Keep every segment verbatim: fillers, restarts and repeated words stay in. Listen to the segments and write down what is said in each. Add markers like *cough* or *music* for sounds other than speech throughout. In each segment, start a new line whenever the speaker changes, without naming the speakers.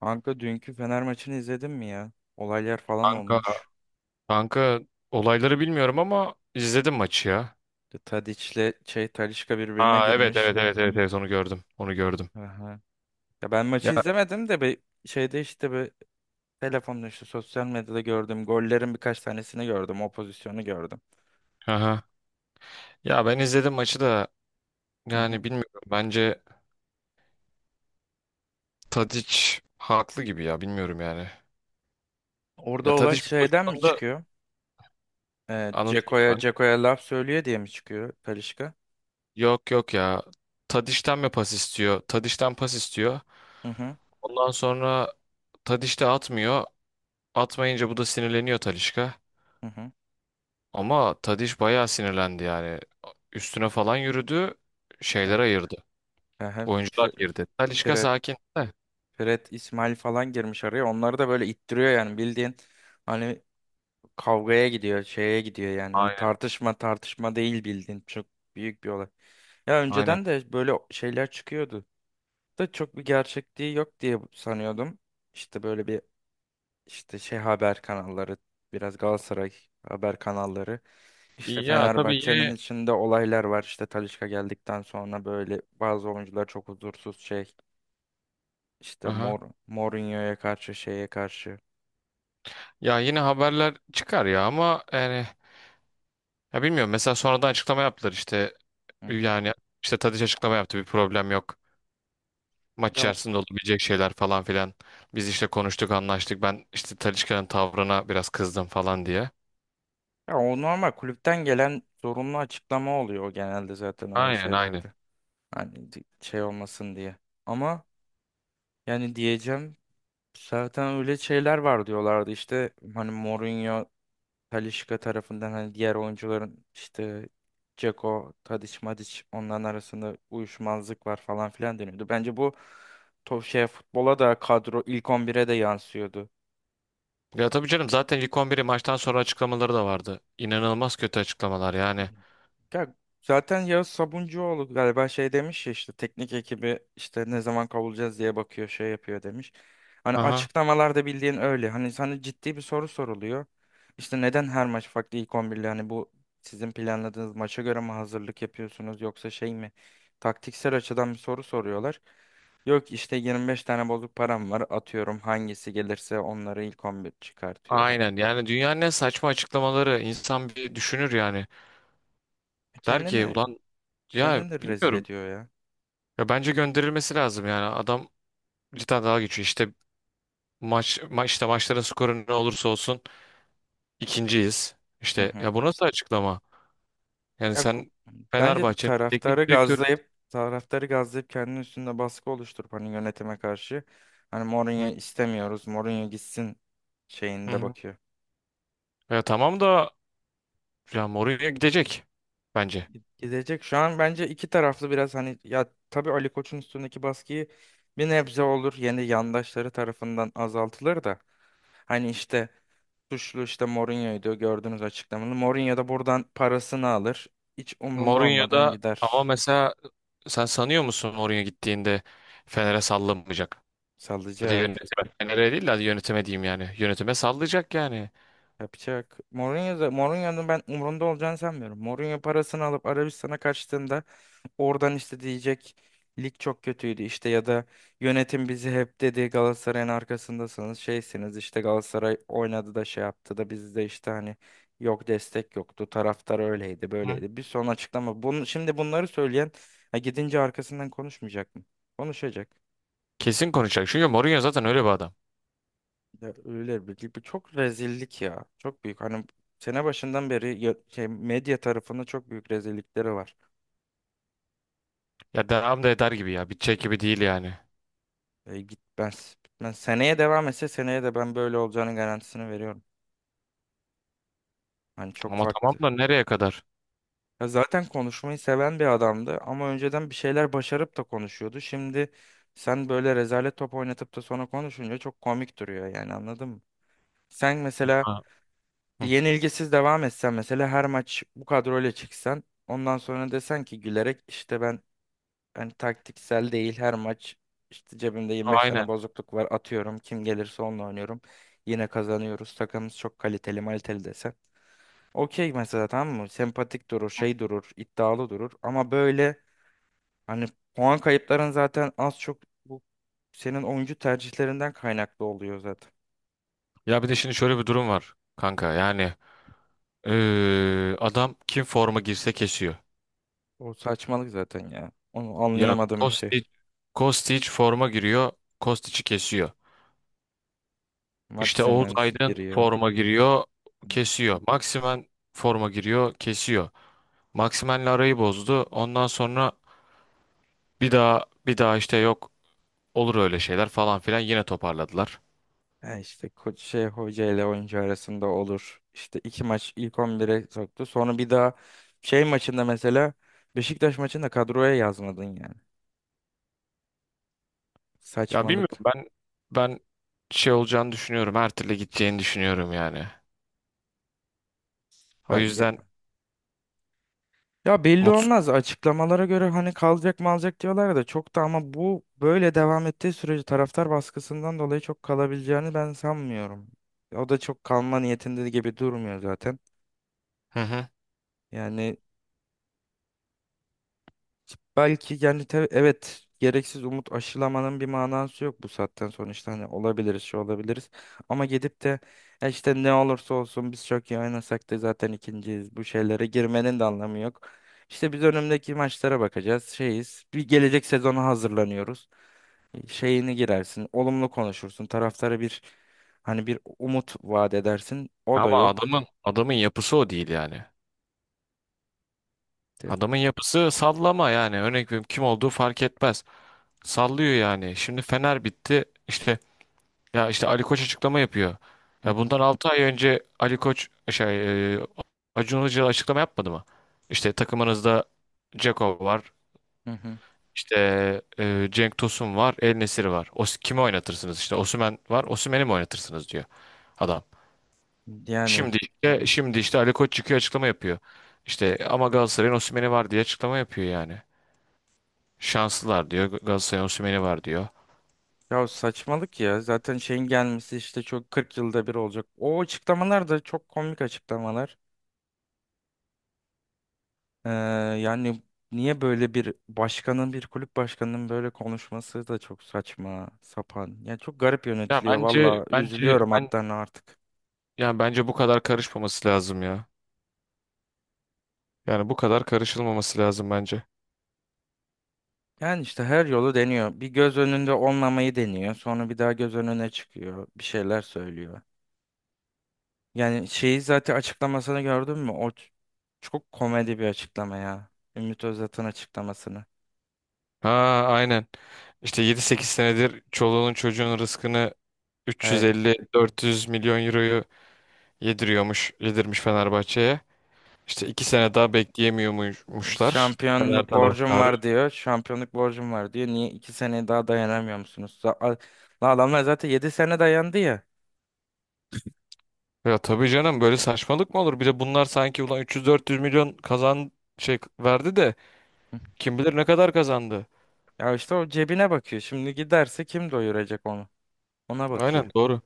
Kanka dünkü Fener maçını izledin mi ya? Olaylar falan
Kanka,
olmuş.
kanka olayları bilmiyorum ama izledim maçı ya.
De Tadiç'le şey Talisca birbirine
Aa, evet,
girmiş.
evet, evet, evet, evet, onu gördüm. Onu gördüm.
Aha. Ya ben maçı
Ya,
izlemedim de bir şeyde işte bir telefonda işte sosyal medyada gördüm. Gollerin birkaç tanesini gördüm. O pozisyonu gördüm.
aha. Ya ben izledim maçı da
Hı
yani
hı.
bilmiyorum. Bence Tadic haklı gibi ya bilmiyorum yani.
Orada
Ya
olay
Tadic bir
şeyden mi
pozisyonda
çıkıyor? Ee,
anlatayım mı
Ceko'ya
ben?
Ceko'ya laf söylüyor diye mi çıkıyor Talisca?
Yok, yok ya. Tadic'ten mi pas istiyor? Tadic'ten pas istiyor.
Hı hı.
Ondan sonra Tadic de atmıyor. Atmayınca bu da sinirleniyor Talisca.
Hı hı.
Ama Tadiş bayağı sinirlendi yani. Üstüne falan yürüdü.
He.
Şeyler ayırdı.
He he.
Oyuncular
Fir-
girdi. Talisca
Fred,
sakin de.
Fred, İsmail falan girmiş araya. Onları da böyle ittiriyor yani bildiğin. Hani kavgaya gidiyor, şeye gidiyor yani. Öyle
Aynen.
tartışma tartışma değil bildiğin çok büyük bir olay. Ya
Aynen.
önceden de böyle şeyler çıkıyordu. Da çok bir gerçekliği yok diye sanıyordum. İşte böyle bir işte şey haber kanalları, biraz Galatasaray haber kanalları. İşte
Ya tabii
Fenerbahçe'nin
yine,
içinde olaylar var. İşte Talisca geldikten sonra böyle bazı oyuncular çok huzursuz şey. İşte
aha.
Mor Mourinho'ya karşı şeye karşı.
Ya yine haberler çıkar ya ama yani ya bilmiyorum, mesela sonradan açıklama yaptılar işte,
Hı hı.
yani işte Tadiç açıklama yaptı, bir problem yok. Maç
Ya
içerisinde olabilecek şeyler falan filan. Biz işte konuştuk, anlaştık, ben işte Talisca'nın tavrına biraz kızdım falan diye.
Ya o normal kulüpten gelen zorunlu açıklama oluyor o genelde zaten öyle
Aynen, aynen.
şeylerde. Hani di- şey olmasın diye. Ama yani diyeceğim zaten öyle şeyler var diyorlardı işte hani Mourinho, Talisca tarafından hani diğer oyuncuların işte Dzeko, Tadic, Madic onların arasında uyuşmazlık var falan filan deniyordu. Bence bu to şey futbola da kadro ilk on bire de yansıyordu.
Ya tabii canım, zaten ilk on biri maçtan sonra açıklamaları da vardı. İnanılmaz kötü açıklamalar
Hı hı.
yani.
Ya zaten Yağız Sabuncuoğlu galiba şey demiş ya işte teknik ekibi işte ne zaman kavulacağız diye bakıyor şey yapıyor demiş. Hani
Aha.
açıklamalarda bildiğin öyle. Hani sana ciddi bir soru soruluyor. İşte neden her maç farklı ilk on birli hani bu sizin planladığınız maça göre mi hazırlık yapıyorsunuz yoksa şey mi? Taktiksel açıdan bir soru soruyorlar. Yok işte yirmi beş tane bozuk param var atıyorum hangisi gelirse onları ilk on bir çıkartıyorum.
Aynen, yani dünyanın en saçma açıklamaları, insan bir düşünür yani. Der ki
Kendini
ulan, ya
kendini de rezil
bilmiyorum.
ediyor ya.
Ya bence gönderilmesi lazım yani. Adam cidden dalga geçiyor. İşte maç, ma işte maçların skoru ne olursa olsun ikinciyiz.
Hı
İşte
hı.
ya, bu nasıl açıklama? Yani
Ya, ku-
sen
bence
Fenerbahçe'nin
taraftarı
teknik direktörü.
gazlayıp taraftarı gazlayıp kendinin üstünde baskı oluşturup hani yönetime karşı hani
Hı,
Mourinho istemiyoruz. Mourinho gitsin
hı,
şeyinde
hı.
bakıyor.
Ya tamam da, ya Mourinho gidecek bence.
Gidecek şu an bence iki taraflı biraz hani ya tabii Ali Koç'un üstündeki baskıyı bir nebze olur yeni yandaşları tarafından azaltılır da hani işte suçlu işte Mourinho'ydu gördüğünüz açıklamanı. Mourinho da buradan parasını alır. Hiç umrunda
Mourinho
olmadan
da, ama
gider.
mesela sen sanıyor musun oraya gittiğinde Fener'e sallamayacak? Ya da
Salacak.
yönetime. Fener'e değil de hadi yönetime diyeyim yani. Yönetime sallayacak yani.
Yapacak. Mourinho'da, Mourinho'nun ben umurunda olacağını sanmıyorum. Mourinho parasını alıp Arabistan'a kaçtığında oradan işte diyecek lig çok kötüydü işte ya da yönetim bizi hep dedi Galatasaray'ın arkasındasınız şeysiniz işte Galatasaray oynadı da şey yaptı da bizde işte hani yok destek yoktu taraftar öyleydi
Hı.
böyleydi bir son açıklama. Bunu, şimdi bunları söyleyen ha, gidince arkasından konuşmayacak mı? Konuşacak.
Kesin konuşacak. Çünkü Mourinho zaten öyle bir adam.
Ya öyle bir gibi çok rezillik ya. Çok büyük. Hani sene başından beri ya- şey, medya tarafında çok büyük rezillikleri var.
Ya devam da eder gibi ya. Bitecek gibi değil yani.
E, gitmez. Bitmez. Seneye devam etse seneye de ben böyle olacağının garantisini veriyorum. Hani çok
Ama tamam
farklı.
da nereye kadar?
Ya zaten konuşmayı seven bir adamdı ama önceden bir şeyler başarıp da konuşuyordu. Şimdi sen böyle rezalet top oynatıp da sonra konuşunca çok komik duruyor yani anladın mı? Sen mesela
Ha. Hı.
yenilgisiz devam etsen mesela her maç bu kadroyla çıksan ondan sonra desen ki gülerek işte ben hani taktiksel değil her maç işte cebimde yirmi beş
Aynen.
tane bozukluk var atıyorum kim gelirse onunla oynuyorum yine kazanıyoruz takımımız çok kaliteli maliteli desen okey mesela tamam mı sempatik durur
Hı.
şey durur iddialı durur ama böyle hani puan kayıpların zaten az çok bu senin oyuncu tercihlerinden kaynaklı oluyor zaten
Ya bir de şimdi şöyle bir durum var kanka. Yani eee, adam kim forma girse kesiyor.
o saçmalık zaten ya onu
Ya
anlayamadığım bir şey
Kostic, Kostic, forma giriyor. Kostic'i kesiyor. İşte Oğuz
Maximens
Aydın
giriyor.
forma giriyor, kesiyor. Maximen forma giriyor, kesiyor. Maximen'le arayı bozdu. Ondan sonra bir daha bir daha işte, yok olur öyle şeyler falan filan, yine toparladılar.
Ha işte ko- şey hoca ile oyuncu arasında olur. İşte iki maç ilk on bire soktu. Sonra bir daha şey maçında mesela Beşiktaş maçında kadroya yazmadın yani.
Ya bilmiyorum,
Saçmalık
ben ben şey olacağını düşünüyorum. Her türlü gideceğini düşünüyorum yani. O yüzden
bence. Ya belli olmaz.
mutsuz.
Açıklamalara göre hani kalacak mı alacak diyorlar da çok da ama bu böyle devam ettiği sürece taraftar baskısından dolayı çok kalabileceğini ben sanmıyorum. O da çok kalma niyetinde gibi durmuyor zaten.
Hı hı.
Yani belki yani te- evet gereksiz umut aşılamanın bir manası yok bu saatten sonra işte hani olabiliriz şey olabiliriz ama gidip de "E işte ne olursa olsun biz çok iyi oynasak da zaten ikinciyiz bu şeylere girmenin de anlamı yok. İşte biz önümdeki maçlara bakacağız şeyiz bir gelecek sezona hazırlanıyoruz şeyini girersin olumlu konuşursun taraftara bir hani bir umut vaat edersin o da
Ama
yok.
adamın adamın yapısı o değil yani.
Te-
Adamın yapısı sallama yani. Örnek veriyorum, kim olduğu fark etmez. Sallıyor yani. Şimdi Fener bitti. İşte Ya işte Ali Koç açıklama yapıyor.
Hı
Ya
hı,
bundan altı ay önce Ali Koç şey e, Acun Ilıcalı açıklama yapmadı mı? İşte takımınızda Dzeko var.
hı hı.
İşte e, Cenk Tosun var. El Nesiri var. O, kimi oynatırsınız? İşte Osimhen var. Osimhen'i mi oynatırsınız diyor adam.
Yani
Şimdi işte şimdi işte Ali Koç çıkıyor açıklama yapıyor. İşte ama Galatasaray'ın Osimhen'i var diye açıklama yapıyor yani. Şanslılar diyor. Galatasaray'ın Osimhen'i var diyor.
Ya saçmalık ya. Zaten şeyin gelmesi işte çok kırk yılda bir olacak. O açıklamalar da çok komik açıklamalar. Ee, yani niye böyle bir başkanın, bir kulüp başkanının böyle konuşması da çok saçma, sapan. Ya çok garip
Ya
yönetiliyor
bence
valla.
bence
Üzülüyorum
ben
hatta artık.
yani bence bu kadar karışmaması lazım ya. Yani bu kadar karışılmaması lazım bence.
Yani işte her yolu deniyor. Bir göz önünde olmamayı deniyor. Sonra bir daha göz önüne çıkıyor. Bir şeyler söylüyor. Yani şeyi zaten açıklamasını gördün mü? O ç- çok komedi bir açıklama ya. Ümit Özdağ'ın açıklamasını.
Ha, aynen. İşte yedi sekiz senedir çoluğunun çocuğun rızkını
Hey,
üç yüz elli dört yüz milyon euroyu yediriyormuş, yedirmiş Fenerbahçe'ye. İşte iki sene daha bekleyemiyormuşlar Fener
şampiyonluk borcum
taraftarı.
var diyor. Şampiyonluk borcum var diyor. Niye iki sene daha dayanamıyor musunuz? Za- a- Lan adamlar zaten yedi sene dayandı ya.
Ya tabii canım, böyle saçmalık mı olur? Bir de bunlar sanki ulan üç yüz dört yüz milyon kazan, şey verdi de
Hı.
kim bilir ne kadar kazandı.
Ya işte o cebine bakıyor. Şimdi giderse kim doyuracak onu? Ona bakıyor.
Aynen, doğru.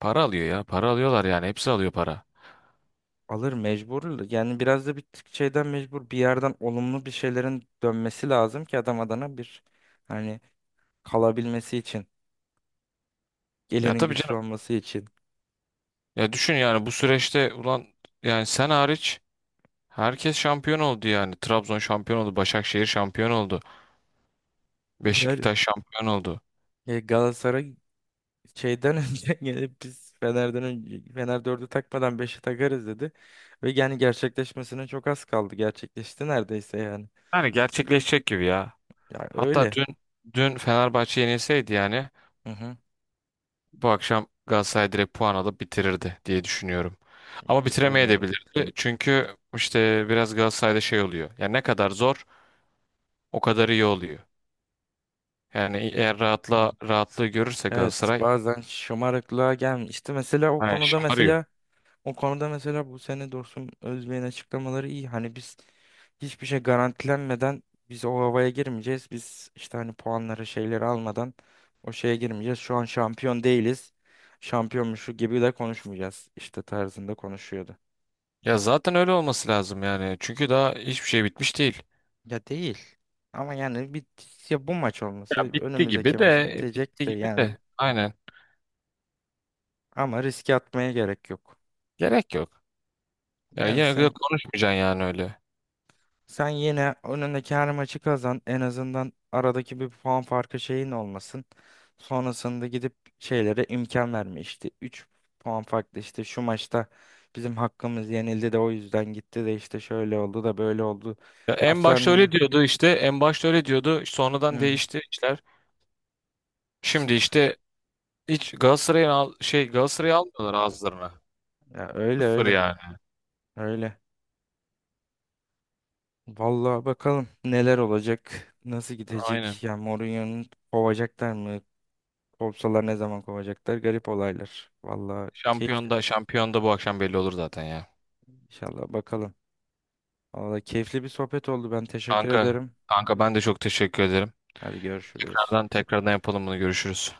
Para alıyor ya. Para alıyorlar yani. Hepsi alıyor para.
Alır mecbur. Yani biraz da bir tık şeyden mecbur. Bir yerden olumlu bir şeylerin dönmesi lazım ki adam adana bir hani kalabilmesi için.
Ya
Gelinin
tabii
güçlü
canım.
olması için.
Ya düşün yani, bu süreçte ulan, yani sen hariç herkes şampiyon oldu yani. Trabzon şampiyon oldu, Başakşehir şampiyon oldu,
Yani.
Beşiktaş şampiyon oldu.
E, Galatasaray şeyden *laughs* önce gelip biz Fener'den önce Fener dördü takmadan beşi takarız dedi. Ve yani gerçekleşmesine çok az kaldı. Gerçekleşti neredeyse yani.
Yani gerçekleşecek gibi ya.
Ya
Hatta
öyle.
dün dün Fenerbahçe yenilseydi yani
Hı hı.
bu akşam Galatasaray direkt puan alıp bitirirdi diye düşünüyorum. Ama
Öyle oldu.
bitiremeyebilirdi. Çünkü işte biraz Galatasaray'da şey oluyor. Yani ne kadar zor o kadar iyi oluyor. Yani
Hı
eğer
hı.
rahatla rahatlığı görürse
Evet
Galatasaray,
bazen şımarıklığa gelmiş. İşte mesela o
hani
konuda
şımarıyor.
mesela O konuda mesela bu sene Dursun Özbey'in açıklamaları iyi. Hani biz hiçbir şey garantilenmeden biz o havaya girmeyeceğiz. Biz işte hani puanları şeyleri almadan o şeye girmeyeceğiz. Şu an şampiyon değiliz. Şampiyonmuşu gibi de konuşmayacağız. İşte tarzında konuşuyordu.
Ya zaten öyle olması lazım yani. Çünkü daha hiçbir şey bitmiş değil.
Ya değil. Ama yani bir ya bu maç
Ya
olması
bitti gibi
önümüzdeki
de,
maç
bitti
bitecek de
gibi
yani.
de, aynen,
Ama riske atmaya gerek yok.
gerek yok. Ya
Yani
yine de
sen
konuşmayacaksın yani öyle.
Sen yine önündeki her maçı kazan. En azından aradaki bir puan farkı şeyin olmasın. Sonrasında gidip şeylere imkan verme işte. üç puan farklı işte şu maçta bizim hakkımız yenildi de o yüzden gitti de işte şöyle oldu da böyle oldu.
Ya en başta
Lafların.
öyle diyordu işte, en başta öyle diyordu,
Hı
sonradan
hı.
değişti işler.
işte
Şimdi işte hiç Galatasaray'ın al- şey Galatasaray'ı almıyorlar ağızlarına.
ya öyle
Sıfır
öyle
yani.
öyle. Vallahi bakalım neler olacak, nasıl
Aynen.
gidecek. Ya Mourinho'nun kovacaklar mı? Kovsalar ne zaman kovacaklar? Garip olaylar. Vallahi keyifli.
Şampiyonda şampiyonda bu akşam belli olur zaten ya.
İnşallah bakalım. Valla keyifli bir sohbet oldu. Ben teşekkür
Kanka
ederim.
kanka ben de çok teşekkür ederim.
Hadi görüşürüz.
Tekrardan tekrardan yapalım bunu, görüşürüz.